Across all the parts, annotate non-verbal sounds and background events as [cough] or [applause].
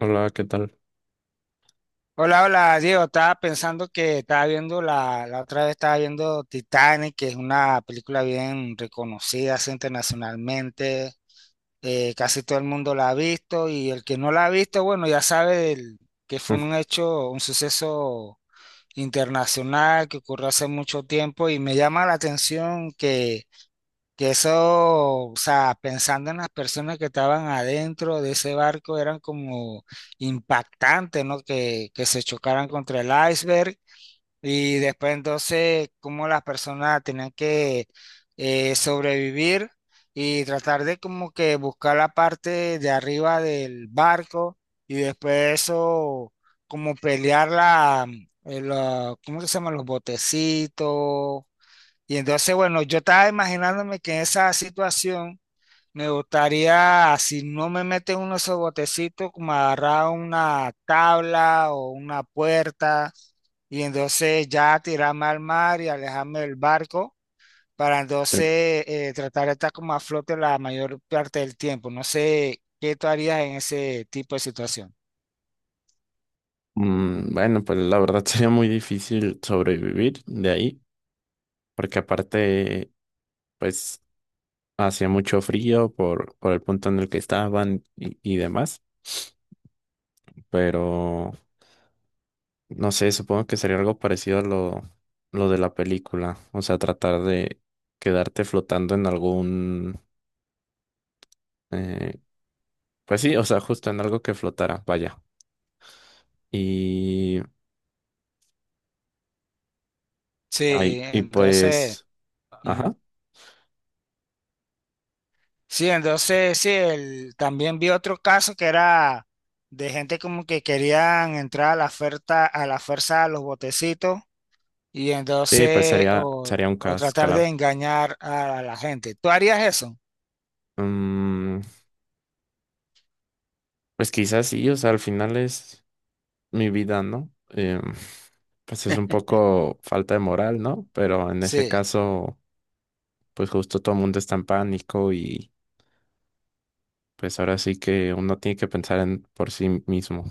Hola, ¿qué tal? Hola, hola, Diego. Estaba pensando que estaba viendo la otra vez, estaba viendo Titanic, que es una película bien reconocida así internacionalmente. Casi todo el mundo la ha visto y el que no la ha visto, bueno, ya sabe que fue Mm, un hecho, un suceso internacional que ocurrió hace mucho tiempo. Y me llama la atención que eso, o sea, pensando en las personas que estaban adentro de ese barco, eran como impactantes, ¿no? Que se chocaran contra el iceberg y después entonces cómo las personas tenían que sobrevivir y tratar de como que buscar la parte de arriba del barco. Y después eso, como pelear ¿cómo que se llama? Los botecitos. Y entonces, bueno, yo estaba imaginándome que en esa situación me gustaría, si no me meten uno de esos botecitos, como agarrar una tabla o una puerta, y entonces ya tirarme al mar y alejarme del barco para eh, entonces tratar de estar como a flote la mayor parte del tiempo. No sé qué tú harías en ese tipo de situación. Bueno, pues la verdad [laughs] sería muy difícil sobrevivir de ahí, porque aparte, pues hacía mucho frío por el punto en el que estaban y demás, pero no sé, supongo que sería algo parecido a lo de la película, o sea, tratar de quedarte flotando en eh, pues sí, o sea, justo en algo que flotara, vaya. Y, Sí, ay, y entonces. pues, ajá, Sí, entonces sí, también vi otro caso que era de gente como que querían entrar a la oferta, a la fuerza a los botecitos, y sí, pues entonces o, sería un o caos, tratar de claro. engañar a la gente. ¿Tú harías eso? Mm, pues quizás sí, o sea, al final es mi vida, ¿no? Em, pues es un poco falta de moral, ¿no? Pero en ese Sí. caso, pues justo todo el mundo está en pánico y pues ahora sí que uno tiene que pensar en por sí mismo.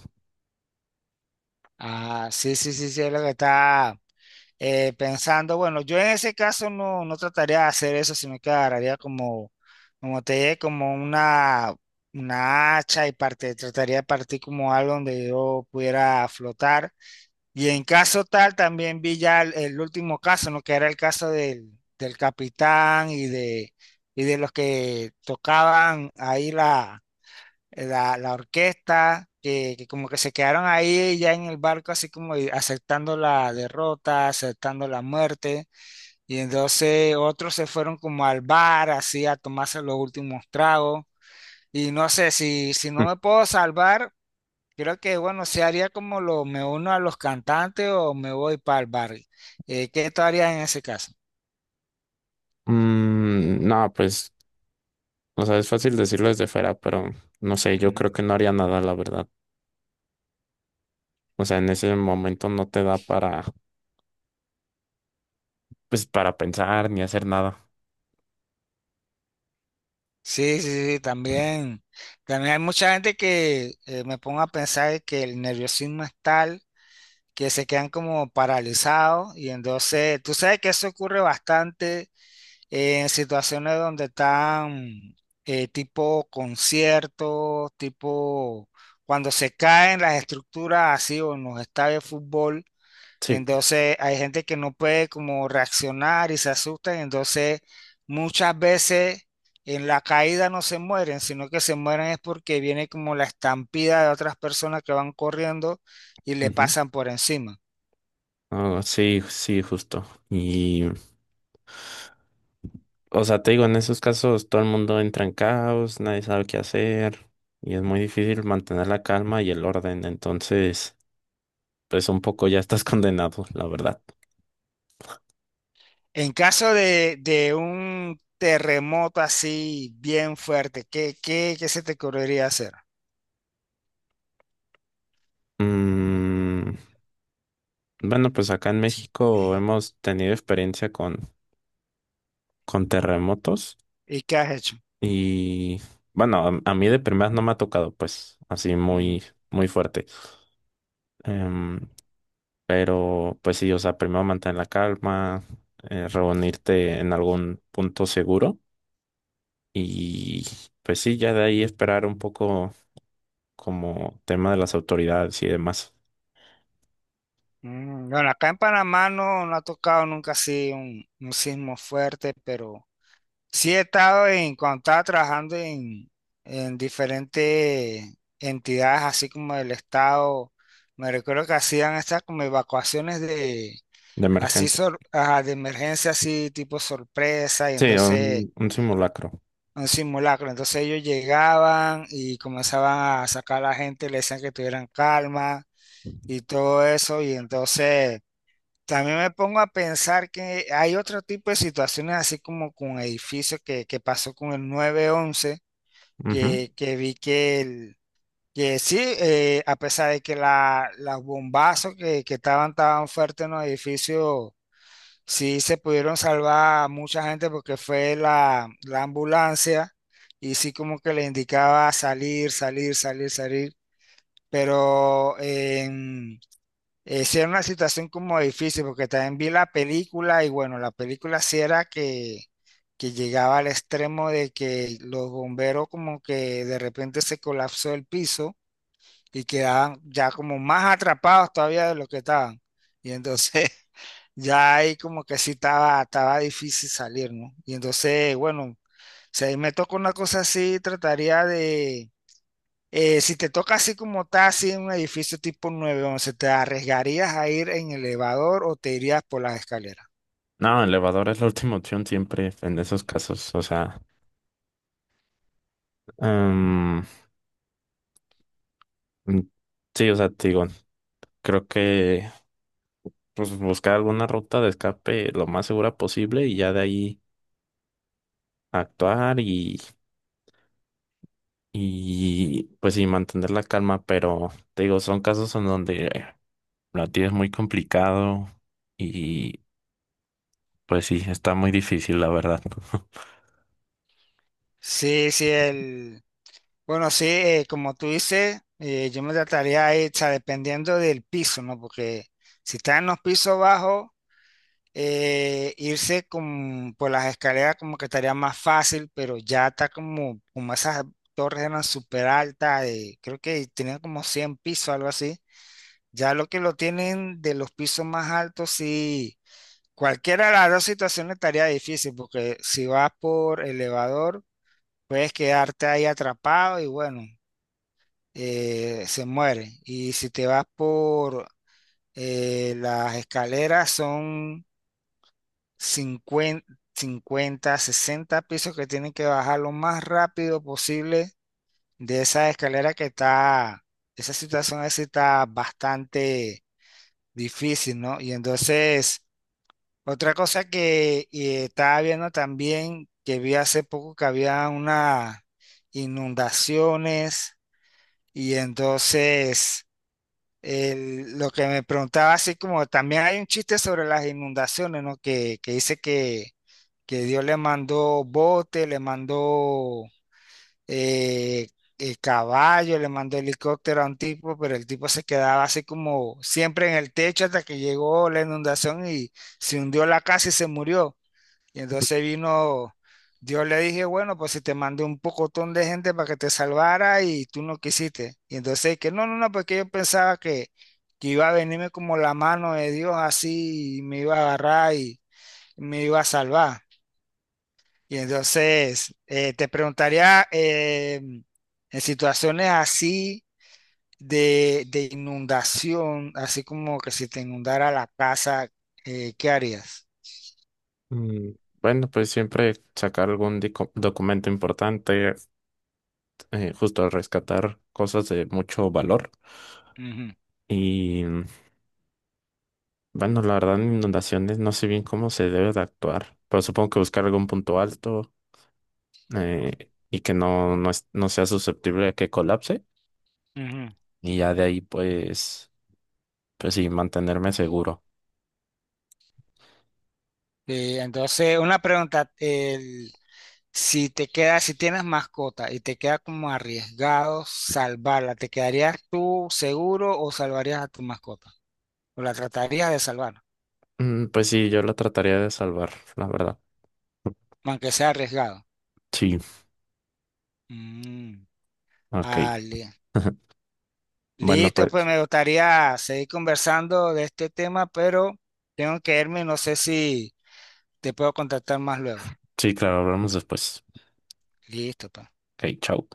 Ah, sí, sí, sí, sí, es lo que está pensando. Bueno, yo en ese caso no, no trataría de hacer eso, sino que agarraría como, como te dije, como una hacha, y parte, trataría de partir como algo donde yo pudiera flotar. Y en caso tal, también vi ya el último caso, ¿no? Que era el caso del capitán y de los que tocaban ahí la orquesta, que como que se quedaron ahí ya en el barco, así como y aceptando la derrota, aceptando la muerte. Y entonces otros se fueron como al bar, así a tomarse los últimos tragos. Y no sé, si no Mm. me puedo salvar, creo que, bueno, se haría como lo me uno a los cantantes o me voy para el barrio. ¿Qué tú harías en ese caso? Mm, no, pues, o sea, es fácil decirlo desde fuera, pero no sé, yo creo Ujú. que no haría nada, la verdad. O sea, en ese momento no te da para, pues, para pensar ni hacer nada. Sí, sí, sí, también. También hay mucha gente que me pongo a pensar que el nerviosismo es tal que se quedan como paralizados. Y entonces, tú sabes que eso ocurre bastante en situaciones donde están tipo conciertos, tipo cuando se caen las estructuras así, o en los estadios de fútbol. Sí. Entonces hay gente que no puede como reaccionar y se asustan. Entonces muchas veces en la caída no se mueren, sino que se mueren es porque viene como la estampida de otras personas que van corriendo y le Ujú. pasan por encima. Ah, sí, sí, justo. Y O sea, te digo, en esos casos todo el mundo entra en caos, nadie sabe qué hacer y es muy difícil mantener la calma y el orden. Entonces, pues un poco ya estás [laughs] condenado, la verdad. En caso de un terremoto así bien fuerte, ¿qué se te ocurriría hacer? Mm, bueno, pues acá en Sí, México bien. hemos tenido experiencia con terremotos ¿Y qué has hecho? y bueno, a mí de primeras no me ha tocado, pues así Mm, muy fuerte. Em, pero pues sí, o sea, primero mantener la calma, reunirte en algún punto seguro y pues sí, ya de ahí esperar un poco como tema de las autoridades y demás, Bueno, acá en Panamá no, no ha tocado nunca así un sismo fuerte, pero. Sí he estado en, cuando estaba trabajando en diferentes entidades, así como el Estado, me recuerdo que hacían estas como evacuaciones de emergentes. Ajá, de emergencia, así tipo sorpresa, y Sí, entonces un simulacro. un simulacro. Entonces ellos llegaban y comenzaban a sacar a la gente, le decían que tuvieran calma y todo eso, y entonces. También me pongo a pensar que hay otro tipo de situaciones, así como con edificios que pasó con el 911, Ujú. que vi que sí, a pesar de que los bombazos que estaban tan fuertes en los edificios, sí se pudieron salvar a mucha gente, porque fue la ambulancia y sí como que le indicaba salir, salir, salir, salir. Pero, sí era una situación como difícil, porque también vi la película y bueno, la película sí era que llegaba al extremo de que los bomberos como que de repente se colapsó el piso y quedaban ya como más atrapados todavía de lo que estaban. Y entonces [laughs] ya ahí como que sí estaba difícil salir, ¿no? Y entonces, bueno, si ahí me toca una cosa así, trataría de. Si te toca así como está, así en un edificio tipo 911, ¿te arriesgarías a ir en elevador o te irías por las escaleras? No, elevador es la [laughs] última opción siempre en esos casos. O sea, em, mm, sí, o sea, te digo, creo que pues buscar alguna ruta de escape lo más segura posible y ya de ahí actuar y, y pues sí, mantener la calma. Pero te digo, son casos en donde lo tienes muy complicado y pues sí, está muy difícil, la verdad. [laughs] Sí, sí, bueno, sí, como tú dices, yo me trataría de ir, o sea, dependiendo del piso, ¿no? Porque si está en los pisos bajos, irse con, por las escaleras como que estaría más fácil. Pero ya está como, esas torres eran súper altas, creo que tenían como 100 pisos, algo así. Ya lo que lo tienen de los pisos más altos, sí. Cualquiera de las dos situaciones estaría difícil, porque si vas por elevador, puedes quedarte ahí atrapado y bueno, se muere. Y si te vas por las escaleras, son 50, 50, 60 pisos que tienen que bajar lo más rápido posible de esa escalera que está, esa situación así está bastante difícil, ¿no? Y entonces. Otra cosa que estaba viendo también, que vi hace poco que había unas inundaciones, y entonces lo que me preguntaba, así como también hay un chiste sobre las inundaciones, ¿no? Que dice que Dios le mandó bote, le mandó eh, caballo, le mandó helicóptero a un tipo, pero el tipo se quedaba así como siempre en el techo hasta que llegó la inundación y se hundió la casa y se murió. Y entonces vino, Dios le dije, bueno, pues si te mandé un pocotón de gente para que te salvara y tú no quisiste. Y entonces que no, no, no, porque yo pensaba que iba a venirme como la mano de Dios así y me iba a agarrar y me iba a salvar. Y entonces te preguntaría, en situaciones así de inundación, así como que si te inundara la casa, ¿qué harías? Mm, bueno, pues siempre sacar algún documento importante, justo rescatar cosas de mucho valor. Ujú, Y mm, bueno, la verdad, en inundaciones no sé bien cómo se debe de actuar, pero supongo que buscar algún punto alto, y que no sea susceptible a que colapse. ujú. Y ya de ahí, pues, pues sí, mantenerme seguro. Sí, entonces, una pregunta, si te queda, si tienes mascota y te queda como arriesgado salvarla, ¿te quedarías tú seguro o salvarías a tu mascota? ¿O la tratarías de salvar, Mm, pues sí, yo la trataría de salvar, la verdad. aunque sea arriesgado? Sí. Mm, Ok. ah, [laughs] Bueno, listo, pues pues me gustaría seguir conversando de este tema, pero tengo que irme. No sé si te puedo contactar más luego. sí, claro, hablamos después. Listo, pues. Ok, chao.